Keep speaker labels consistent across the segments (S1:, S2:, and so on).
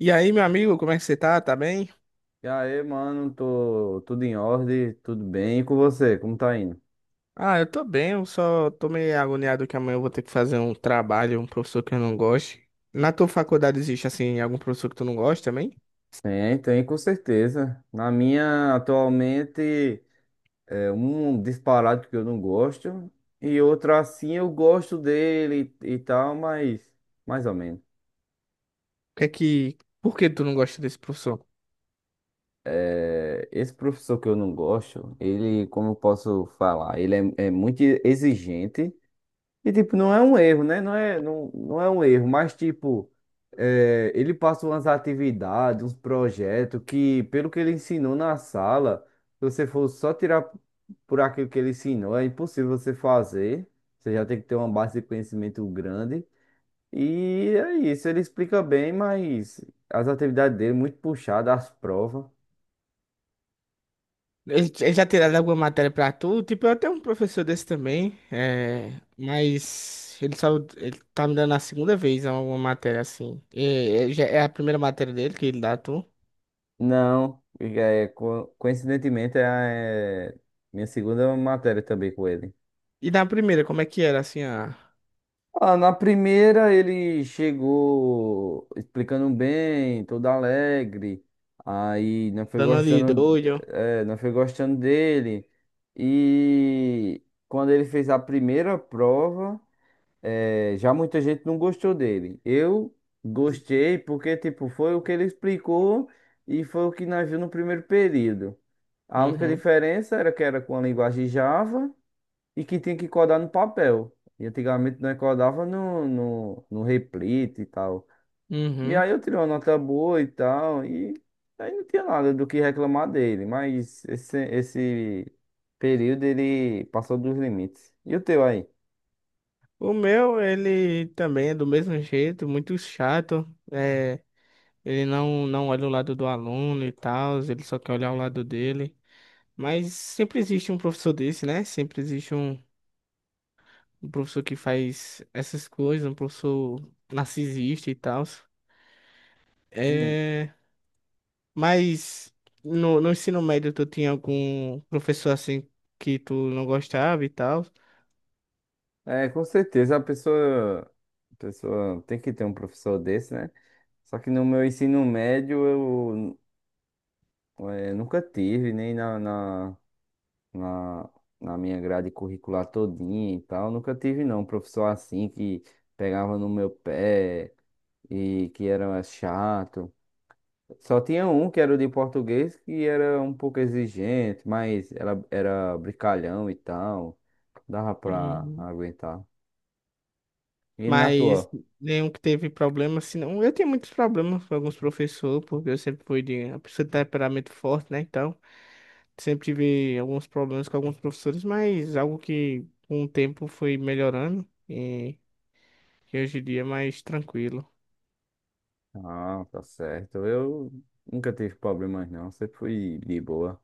S1: E aí, meu amigo, como é que você tá? Tá bem?
S2: E aí, mano, tô tudo em ordem, tudo bem. E com você, como tá indo?
S1: Ah, eu tô bem, eu só tô meio agoniado que amanhã eu vou ter que fazer um trabalho, um professor que eu não gosto. Na tua faculdade existe, assim, algum professor que tu não gosta também? O
S2: Tem, tem, com certeza. Na minha, atualmente, é um disparado que eu não gosto, e outra assim eu gosto dele e tal, mas mais ou menos.
S1: que é que... Por que tu não gosta desse professor?
S2: É, esse professor que eu não gosto, ele, como eu posso falar, ele é muito exigente. E, tipo, não é um erro, né? Não é, não, não é um erro, mas, tipo, ele passa umas atividades, uns projetos que, pelo que ele ensinou na sala, se você for só tirar por aquilo que ele ensinou, é impossível você fazer. Você já tem que ter uma base de conhecimento grande. E é isso, ele explica bem, mas as atividades dele, muito puxadas, as provas.
S1: Ele já tiraram alguma matéria pra tu? Tipo, eu tenho um professor desse também. Mas ele só... Ele tá me dando a segunda vez alguma matéria, assim. É, já é a primeira matéria dele que ele dá a tu.
S2: Não, é, coincidentemente, é minha segunda matéria também com ele.
S1: E na primeira, como é que era, assim.
S2: Ah, na primeira ele chegou explicando bem, todo alegre. Aí não foi
S1: Dando ali
S2: gostando,
S1: doido.
S2: é, não foi gostando dele. E quando ele fez a primeira prova, é, já muita gente não gostou dele. Eu gostei porque tipo foi o que ele explicou e foi o que nós viu no primeiro período. A única
S1: Uhum.
S2: diferença era que era com a linguagem Java e que tinha que codar no papel. E antigamente nós codava no replito e tal. E
S1: Uhum.
S2: aí eu tirei uma nota boa e tal, e aí não tinha nada do que reclamar dele, mas esse período ele passou dos limites. E o teu aí?
S1: O meu, ele também é do mesmo jeito, muito chato. É, ele não olha o lado do aluno e tal, ele só quer olhar o lado dele. Mas sempre existe um professor desse, né? Sempre existe um professor que faz essas coisas, um professor narcisista e tal.
S2: Uhum.
S1: É, mas no ensino médio, tu tinha algum professor assim que tu não gostava e tal?
S2: É, com certeza a pessoa tem que ter um professor desse, né? Só que no meu ensino médio eu, nunca tive, nem na, na minha grade curricular todinha e tal. Nunca tive, não, um professor assim que pegava no meu pé e que era chato. Só tinha um que era o de português que era um pouco exigente, mas era brincalhão e tal. Dava pra aguentar. E na tua?
S1: Mas nenhum que teve problema, senão eu tenho muitos problemas com alguns professores, porque eu sempre fui de uma pessoa de temperamento forte, né? Então, sempre tive alguns problemas com alguns professores, mas algo que com o tempo foi melhorando e que hoje em dia é mais tranquilo.
S2: Ah, tá certo. Eu nunca tive problemas, não. Sempre fui de boa.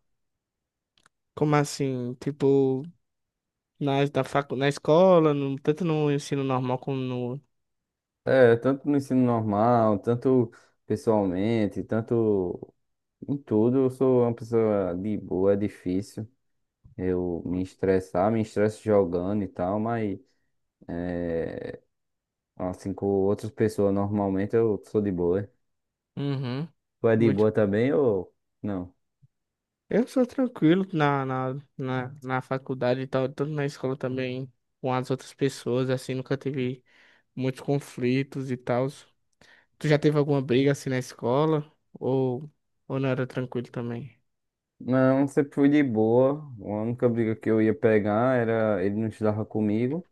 S1: Como assim? Tipo, na escola, tanto no ensino normal como no.
S2: É, tanto no ensino normal, tanto pessoalmente, tanto em tudo, eu sou uma pessoa de boa, é difícil eu me estressar, me estresso jogando e tal, mas é, assim com outras pessoas normalmente eu sou de boa.
S1: Uhum.
S2: Tu é de
S1: Muito
S2: boa também ou não?
S1: Eu sou tranquilo na faculdade e tal, tanto na escola também, com as outras pessoas, assim, nunca tive muitos conflitos e tal. Tu já teve alguma briga assim na escola? Ou não era tranquilo também?
S2: Não, sempre fui de boa. A única briga que eu ia pegar era ele não estudava comigo.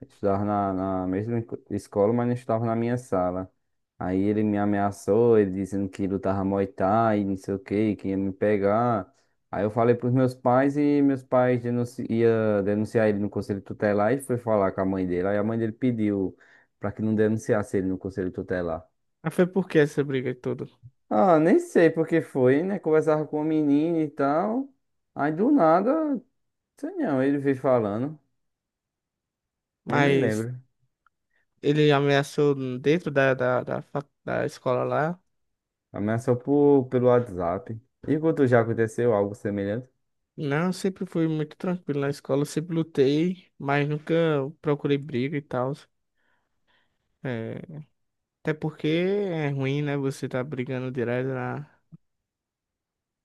S2: Estudava na mesma escola, mas não estudava na minha sala. Aí ele me ameaçou, ele dizendo que lutava Muay Thai, não sei o que, que ia me pegar. Aí eu falei pros meus pais e meus pais denunci ia denunciar ele no conselho tutelar e foi falar com a mãe dele. Aí a mãe dele pediu pra que não denunciasse ele no conselho tutelar.
S1: Mas foi por que essa briga toda?
S2: Ah, nem sei por que foi, né? Conversava com a menina e tal. Aí do nada, sei não, ele veio falando, nem me
S1: Mas
S2: lembro.
S1: ele ameaçou dentro da da escola lá?
S2: Ameaçou pelo WhatsApp. E quando já aconteceu algo semelhante?
S1: Não, eu sempre fui muito tranquilo na escola, eu sempre lutei, mas nunca procurei briga e tal. É, até porque é ruim, né? Você tá brigando direto.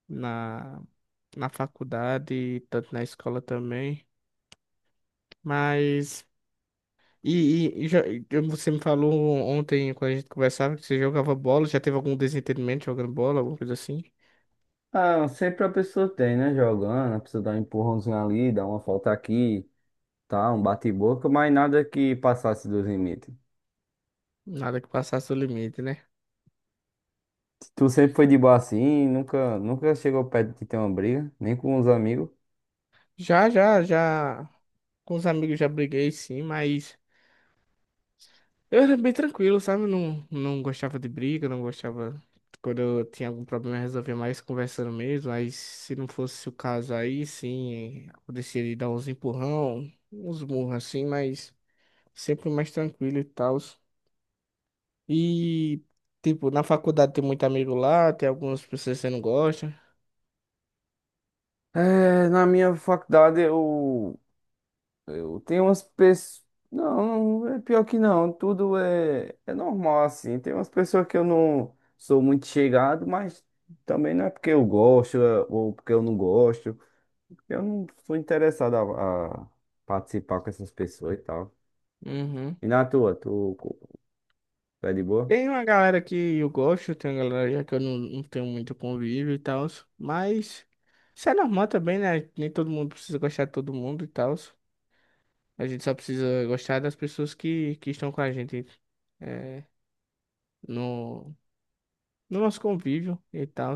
S1: na, na faculdade, tanto na escola também. Mas. E, e você me falou ontem, quando a gente conversava, que você jogava bola, já teve algum desentendimento jogando bola, alguma coisa assim?
S2: Ah, sempre a pessoa tem, né? Jogando, a pessoa dá um empurrãozinho ali, dá uma falta aqui, tá? Um bate-boca, mas nada que passasse dos limites.
S1: Nada que passasse o limite, né?
S2: Tu sempre foi de boa assim, nunca chegou perto de ter uma briga, nem com os amigos.
S1: Já, já, já. Com os amigos já briguei, sim, mas. Eu era bem tranquilo, sabe? Não gostava de briga, não gostava. Quando eu tinha algum problema, eu resolvia mais conversando mesmo. Aí, se não fosse o caso, aí sim, acontecia de dar uns empurrão, uns murros assim, mas sempre mais tranquilo e tal. E, tipo, na faculdade tem muito amigo lá, tem algumas pessoas que você não gosta.
S2: É, na minha faculdade Eu tenho umas pessoas. Não, não, é pior que não. Tudo é normal assim. Tem umas pessoas que eu não sou muito chegado, mas também não é porque eu gosto é, ou porque eu não gosto. Eu não sou interessado a participar com essas pessoas e tal.
S1: Uhum.
S2: E na tua, tu é de boa?
S1: Tem uma galera que eu gosto, tem uma galera que eu não tenho muito convívio e tal, mas isso é normal também, né? Nem todo mundo precisa gostar de todo mundo e tal. A gente só precisa gostar das pessoas que estão com a gente é, no, no nosso convívio e tal.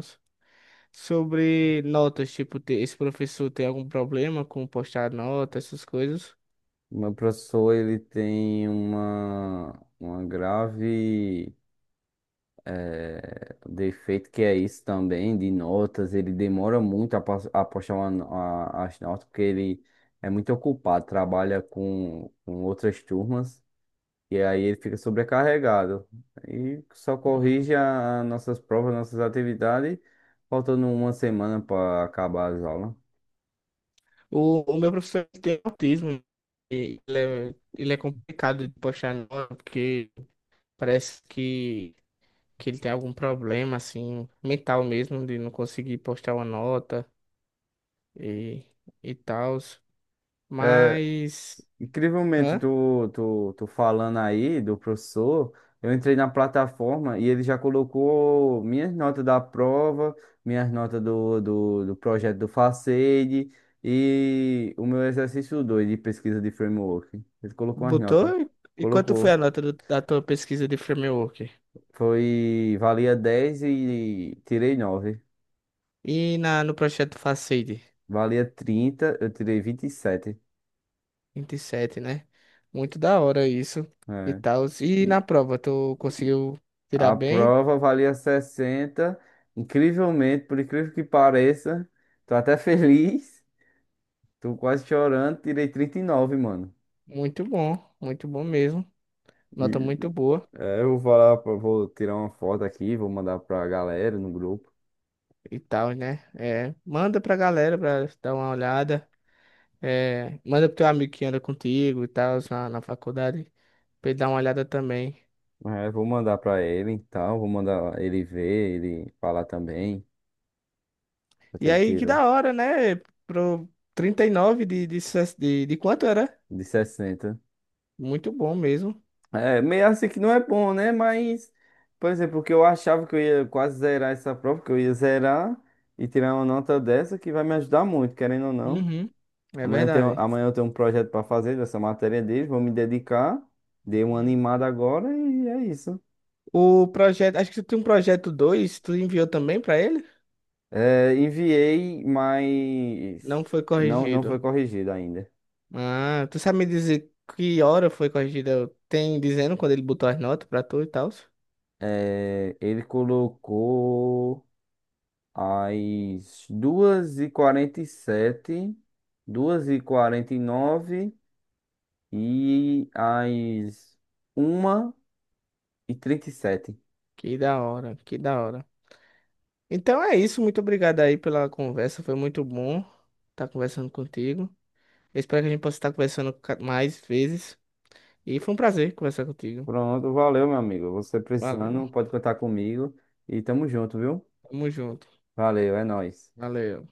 S1: Sobre notas, tipo, esse professor tem algum problema com postar nota, essas coisas?
S2: Meu professor, ele tem uma grave. É, o defeito que é isso também de notas, ele demora muito a postar as notas, porque ele é muito ocupado, trabalha com outras turmas, e aí ele fica sobrecarregado. E só
S1: Uhum.
S2: corrige as nossas provas, nossas atividades, faltando uma semana para acabar as aulas.
S1: O meu professor tem autismo e ele é complicado de postar nota porque. Parece que ele tem algum problema, assim, mental mesmo, de não conseguir postar uma nota e, e tal. Mas.
S2: Incrivelmente,
S1: Hã?
S2: tu falando aí do professor, eu entrei na plataforma e ele já colocou minhas notas da prova, minhas notas do projeto do Facede e o meu exercício 2 de pesquisa de framework. Ele colocou as notas.
S1: Botou? E quanto foi
S2: Colocou.
S1: a nota da tua pesquisa de framework?
S2: Foi, valia 10 e tirei nove.
S1: E no projeto Facade?
S2: Valia 30 eu tirei 27.
S1: 27, né? Muito da hora isso e
S2: É.
S1: tal. E na prova, tu conseguiu tirar
S2: A
S1: bem?
S2: prova valia 60. Incrivelmente, por incrível que pareça, tô até feliz. Tô quase chorando. Tirei 39, mano.
S1: Muito bom mesmo. Nota
S2: E,
S1: muito boa
S2: é, eu vou falar, vou tirar uma foto aqui, vou mandar pra galera no grupo.
S1: e tal, né? É, manda pra galera pra dar uma olhada. É, manda pro teu amigo que anda contigo e tal, na faculdade, pra ele dar uma olhada também.
S2: É, vou mandar pra ele e tal. Vou mandar ele ver, ele falar também. Quanto
S1: E
S2: ele
S1: aí, que
S2: tirou
S1: da hora, né? Pro 39 de quanto era?
S2: de 60.
S1: Muito bom mesmo.
S2: É, meio assim que não é bom, né? Mas, por exemplo, o que eu achava que eu ia quase zerar essa prova, que eu ia zerar e tirar uma nota dessa que vai me ajudar muito, querendo ou não.
S1: Uhum. É
S2: Amanhã eu tenho,
S1: verdade.
S2: amanhã eu tenho um projeto para fazer dessa matéria deles, vou me dedicar, dei uma animada agora e é isso.
S1: O projeto, acho que tu tem um projeto 2 tu enviou também pra ele?
S2: É, enviei,
S1: Não
S2: mas
S1: foi
S2: não, não foi
S1: corrigido.
S2: corrigido ainda.
S1: Ah, tu sabe me dizer que hora foi corrigida? Tem dizendo quando ele botou as notas pra tu e tal?
S2: É, ele colocou às 2h47. 2 h nove e às 1h37.
S1: Que da hora, que da hora. Então é isso, muito obrigado aí pela conversa, foi muito bom estar conversando contigo. Eu espero que a gente possa estar conversando mais vezes. E foi um prazer conversar contigo.
S2: Pronto, valeu, meu amigo. Você
S1: Valeu.
S2: precisando, pode contar comigo. E tamo junto, viu?
S1: Tamo junto.
S2: Valeu, é nóis.
S1: Valeu.